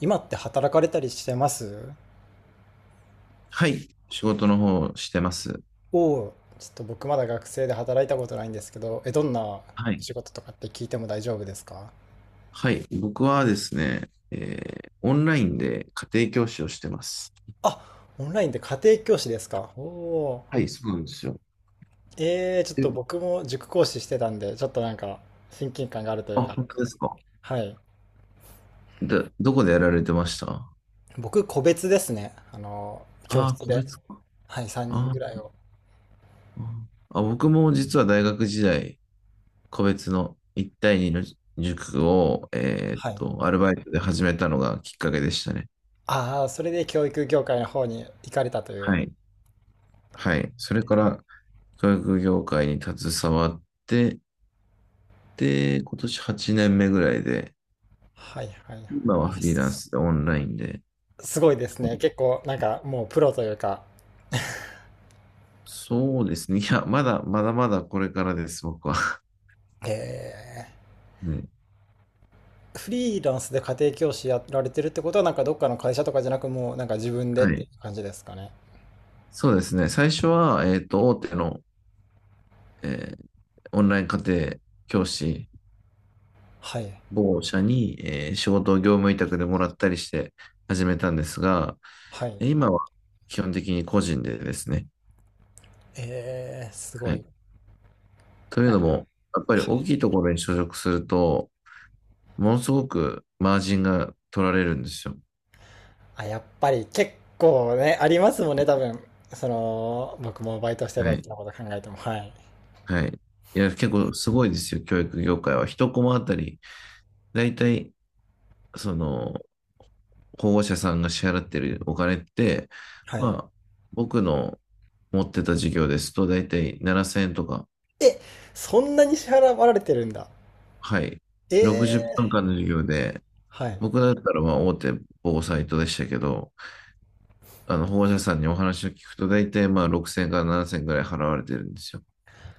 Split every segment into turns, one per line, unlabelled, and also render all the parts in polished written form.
今って働かれたりしてます。
はい。仕事の方をしてます。
をちょっと僕まだ学生で働いたことないんですけど、どんなお
はい。
仕事とかって聞いても大丈夫ですか？
はい。僕はですね、オンラインで家庭教師をしてます。
あ、オンラインで家庭教師ですか。お。お
はい、そうなんですよ。
ー。ちょっと
え
僕も塾講師してたんで、ちょっとなんか親近感があるという
あ、
か。
本当ですか。
はい。
で、どこでやられてました？
僕個別ですね、あの教室
個
で。
別か。
はい、3人ぐ
あ
らい
ー
を。
ああ、僕も実は大学時代、個別の1対2の塾を、
はい。
アルバイトで始めたのがきっかけでしたね。
ああー、それで教育業界の方に行かれたという。
はい。は
え
い。それ
ー
から、教育業界に携わって、で、今年8年目ぐらいで、
はいはいはい。
今は
あ、
フリーランスでオンラインで。
すごいです
は
ね。
い。
結構、なんかもうプロというか、
そうですね。いや、まだまだこれからです、僕は。
え
うん。
フリーランスで家庭教師やられてるってことは、なんかどっかの会社とかじゃなく、もうなんか自分でっ
は
て
い。
感じですかね。
そうですね。最初は、大手の、えーオンライン家庭教師、
はい。
某社に、仕事を業務委託でもらったりして始めたんですが、
はい。
今は基本的に個人でですね。
えー、すご
はい。
い。
という
なん
の
か、
も、やっぱり
は
大
い。
きいところに所属すると、ものすごくマージンが取られるんですよ。
あ、やっぱり結構ね、ありますもんね、多分。その、僕もバイトしてた
はい。
時のこと考えても。はい。
はい。いや、結構すごいですよ、教育業界は。一コマあたり、だいたい、その、保護者さんが支払ってるお金って、
はい。
まあ、僕の持ってた授業ですと、だいたい7000円とか、
え、そんなに支払われてるんだ。
はい。
えー、
60分間の授業で、
はい。
僕だったらまあ大手某サイトでしたけど、あの保護者さんにお話を聞くと、だいたいまあ6000から7000円ぐらい払われてるんですよ。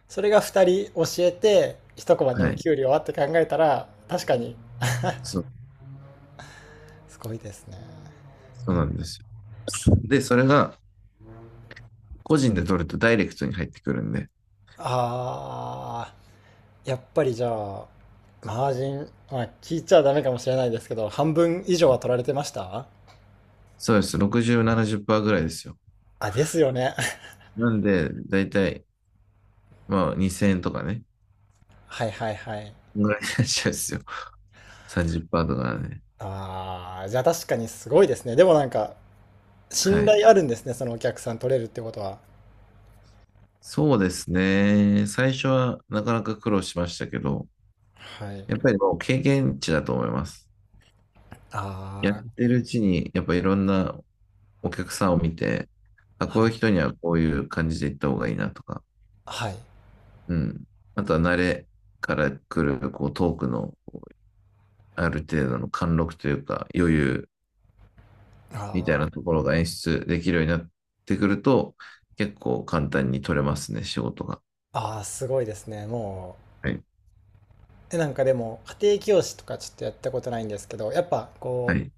それが2人教えて一コマで
は
も
い。
給料はって考えたら確かに
そう、
すごいですね。
そうなんですよ。で、それが、個人で取るとダイレクトに入ってくるんで、
あー、やっぱりじゃあマージン、まあ、聞いちゃダメかもしれないですけど、半分以上は取られてました？
そうです。60、70%ぐらいですよ。
あ、ですよね。
なんで、だいたい、まあ、2000円とかね。
はいはいはい。
ぐらいになっちゃうんですよ。30%とかね。
あー、じゃあ確かにすごいですね。でもなんか信
はい。
頼あるんですね、そのお客さん取れるってことは。
そうですね。最初はなかなか苦労しましたけど、
はい。
やっぱりもう経験値だと思います。やっ
あ
てるうちに、やっぱいろんなお客さんを見て、あ、
あ、
こ
は
ういう
い。
人にはこういう感じで行った方がいいなとか、
はい。
うん。あとは慣れから来る、こう、トークのある程度の貫禄というか余裕
あ
みたい
ー。
なところが演出できるようになってくると、結構簡単に取れますね、仕事が。
ああ、すごいですね、も。
はい。
なんかでも家庭教師とかちょっとやったことないんですけど、やっぱ
は
こう、
い。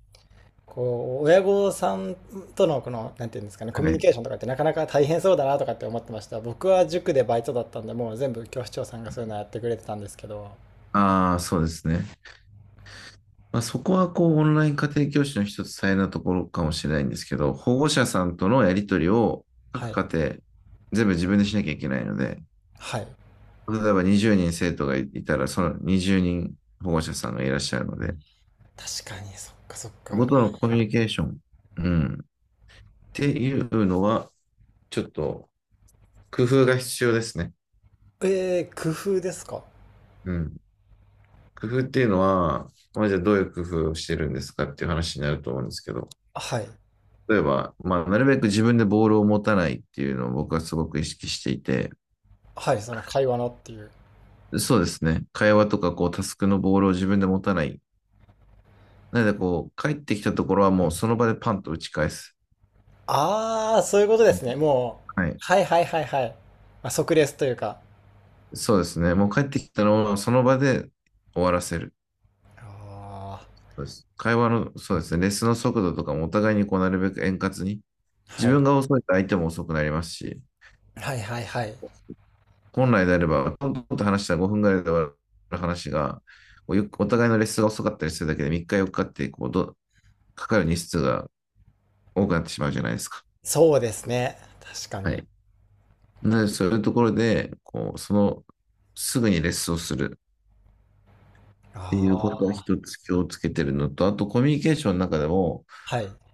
こう親御さんとのこのなんていうんですかね、コミ
は
ュニ
い。
ケーションとかってなかなか大変そうだなとかって思ってました。僕は塾でバイトだったんで、もう全部教師長さんがそういうのやってくれてたんですけど。
ああ、そうですね。まあ、そこはこうオンライン家庭教師の一つ大変なところかもしれないんですけど、保護者さんとのやり取りを
は
各
い。
家庭全部自分でしなきゃいけないので、
はい、
例えば20人生徒がいたら、その20人保護者さんがいらっしゃるので、
確かに。そっかそっ
そこ
か。
とのコミュニケーション、うん、っていうのは、ちょっと工夫が必要ですね。
えー、工夫ですか？
うん。工夫っていうのは、まあ、じゃあどういう工夫をしてるんですかっていう話になると思うんですけど、
はい。
例えば、まあ、なるべく自分でボールを持たないっていうのを僕はすごく意識していて、
はい、その会話のっていう。
そうですね。会話とか、こう、タスクのボールを自分で持たない。なので、こう、帰ってきたところはもうその場でパンと打ち返す。
ああー、そういうことですね、も
はい。
う。はいはいはいはい。まあ、即レスというか。
そうですね。もう帰ってきたのをその場で終わらせる。
あ
そうです。会話の、そうですね。レッスンの速度とかもお互いにこう、なるべく円滑に。
ー、
自
は
分
い
が遅いと相手も遅くなりますし、
はいはいはい。
本来であれば、トントンと話したら分ぐらいで終わる話が、お互いのレッスンが遅かったりするだけで3日4日っかってこうどかかる日数が多くなってしまうじゃないですか。
そうですね。確か
は
に。
い。なので、そういうところで、こう、その、すぐにレッスンをするっていうことは
あ
一つ気をつけてるのと、あとコミュニケーションの中でも、
あ、はい。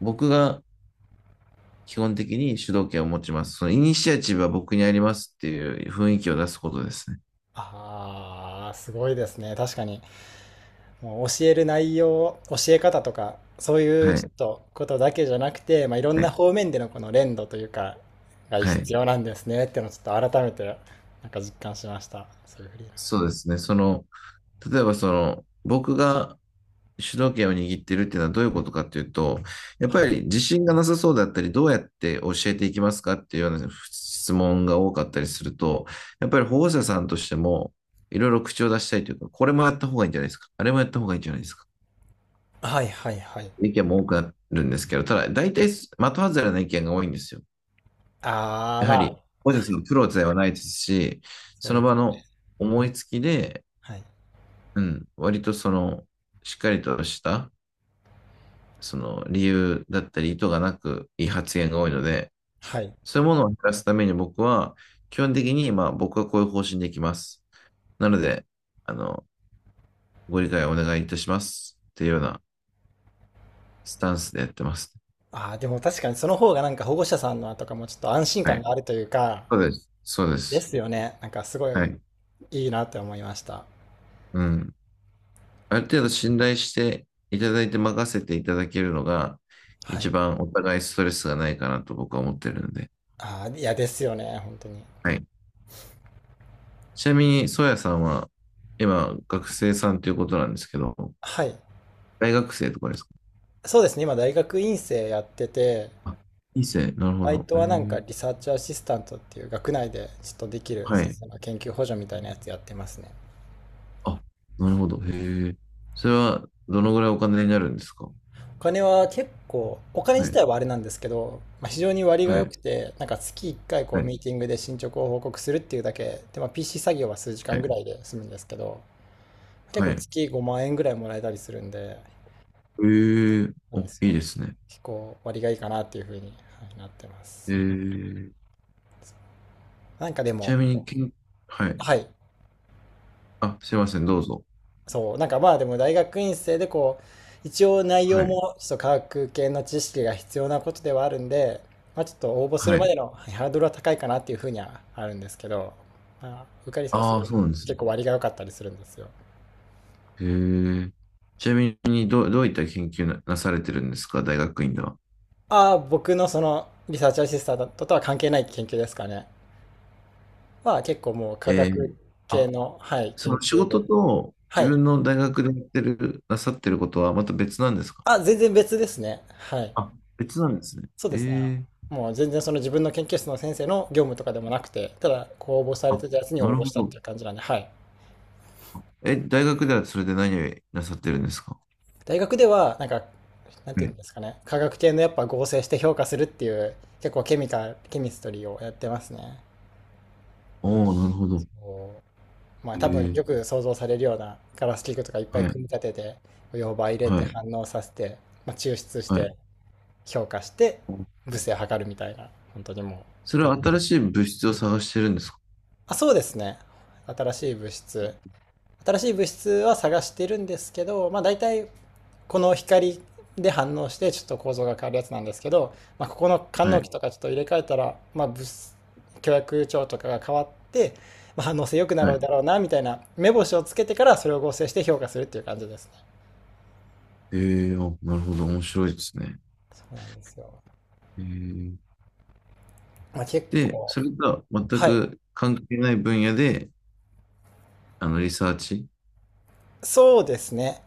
僕が基本的に主導権を持ちます。そのイニシアチブは僕にありますっていう雰囲気を出すことですね。
ああ、すごいですね。確かに。もう教える内容、教え方とか、そういう
は
ちょ
い。
っとことだけじゃなくて、まあ、いろん
は
な
い。
方面でのこの連動というか、が
はい。
必要なんですねっていうのをちょっと改めて、なんか実感しました。そういうフリーランス。
そうですね。その、例えばその、僕が主導権を握ってるっていうのはどういうことかっていうと、やっぱり自信がなさそうだったり、どうやって教えていきますかっていうような質問が多かったりすると、やっぱり保護者さんとしても、いろいろ口を出したいというか、これもやった方がいいんじゃないですか、あれもやった方がいいんじゃないですか、
はいはいはい。
意見も多くなるんですけど、ただ、大体、的外れな意見が多いんですよ。
ああ、
や
ま
はり、
あ、
保護者さんのプロではないですし、
そう
その
です。
場の思いつきで、
はい。
うん、割とその、しっかりとしたその理由だったり意図がなくいい発言が多いので、
はい。
そういうものを減らすために僕は、基本的に、まあ僕はこういう方針でいきます。なので、あの、ご理解お願いいたします。っていうようなスタンスでやってます。
ああ、でも確かにその方がなんか保護者さんのとかもちょっと安心
は
感
い。
があるというか、
そうです。そうで
で
す。
すよね。なんかすごい
はい。
いいなって思いました。
うん。ある程度信頼していただいて任せていただけるのが、
は
一
い。
番お互いストレスがないかなと僕は思ってるので。
ああ、いやですよね、本当に。
はい。ちなみに、ソヤさんは、今、学生さんということなんですけど、
はい。
大学生とかですか？
そうですね、今大学院生やってて、
あ、いいっすね。なるほ
バ
ど。
イト
へ
はなんか
え。
リサーチアシスタントっていう学内でちょっとできる
は
先
い。
生の研究補助みたいなやつやってますね。
あ、なるほど。へえ。それは、どのぐらいお金になるんですか？
お金は結構、お金
は
自
い。
体はあれなんですけど、まあ、非常に割が
は
良
い。
くて、なんか月1回こ
は
う
い。
ミーティングで進捗を報告するっていうだけで、まあ、PC 作業は数時
は
間ぐら
い。
いで済むんですけど、結
は
構
い。
月5万円ぐらいもらえたりするんで、
へえ。
な
お、
んで
い
す
い
よ。
ですね。
結構割がいいかなっていうふうに、はい、なってま
へ
す。
え。
なんかで
ち
も、
なみに、はい。
はい、
あ、すいません。どうぞ。
そう、なんかまあでも大学院生でこう、一応内容
はい。
もちょっと科学系の知識が必要なことではあるんで、まあちょっと応募す
は
るまで
い。
の、はい、ハードルは高いかなっていうふうにはあるんですけど、まあ、受かりさえす
あ
る
あ、
より
そうなんです
結
ね。
構割が良かったりするんですよ。
へえ。ちなみに、どういった研究なされてるんですか大学院では？
ああ、僕のそのリサーチアシスタントとは関係ない研究ですかね。は結構もう科
ええ。
学系
あ
の、はい、
そ
研
の仕
究
事
で。
と
は
自
い。
分の大学でやってる、なさってることはまた別なんですか？
あ、全然別ですね。はい。
あ、別なんですね。
そうですね。あの、
ええ。
もう全然その自分の研究室の先生の業務とかでもなくて、ただ、こう応募され
あ、
てたやつに
な
応
る
募
ほ
したって
ど。
いう感じなんで、はい。
え、大学ではそれで何をなさってるんですか？
大学では、なんか、なん
え
ていう
え、
んですかね、化学系のやっぱ合成して評価するっていう、結構ケミストリーをやってますね。
おおー、なるほど。
こう、まあ多分
え
よ
え。
く想像されるようなガラス器具とかいっぱい
はい、
組み立てて、溶媒入れ
は
て
い、
反応させて、まあ、抽出し
はい。
て、評価して、物性を測るみたいな、本当にもう、っ
それ
ていう
は
感
新
じ。
しい物質を探してるんですか？
あ、そうですね。新しい物質。新しい物質は探してるんですけど、まあ大体この光で反応してちょっと構造が変わるやつなんですけど、まあ、ここの官
は
能器
い、
とかちょっと入れ替えたら、まあ、物質許諾帳とかが変わって、まあ、反応性良くな
は
る
い。
だろうなみたいな目星をつけてからそれを合成して評価するっていう感じですね。
ええ。あ、なるほど。面白いですね。
そうなんですよ。
ええ。
まあ、結
で、
構、
それとは全
はい。
く関係ない分野で、あの、リサーチ
そうですね。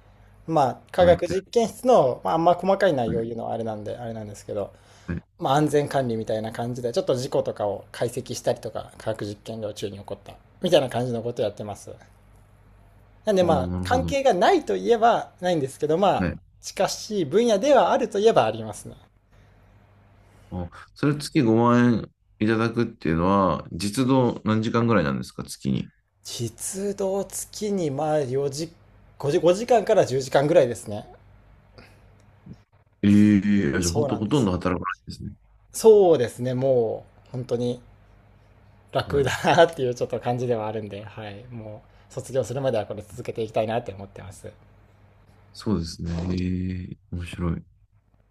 まあ、科
をやっ
学
てる。
実験室の、まあ、あんま細かい内
は
容を
い、
言うのはあれなんで、あれなんですけど、
はい。
まあ、安全管理みたいな感じで、ちょっと事故とかを解析したりとか、科学実験量中に起こった、みたいな感じのことをやってます。なんで
お
ま
お、
あ、
なるほ
関
ど。
係がないといえばないんですけど、ま
は
あ、
い。
近しい分野ではあるといえばありますね。
あ、それ月5万円いただくっていうのは、実働何時間ぐらいなんですか、月に？
実働月にまあ4時、5時、5時間から10時間ぐらいですね。
ええ。じゃあ
そ
本
うな
当
ん
ほ
で
とん
す。
ど働かないですね。
そうですね、もう、本当に
は
楽だ
い。
なっていうちょっと感じではあるんで、はい、もう、卒業するまではこれ続けていきたいなって思ってます。
そうですね。ええ、面白い。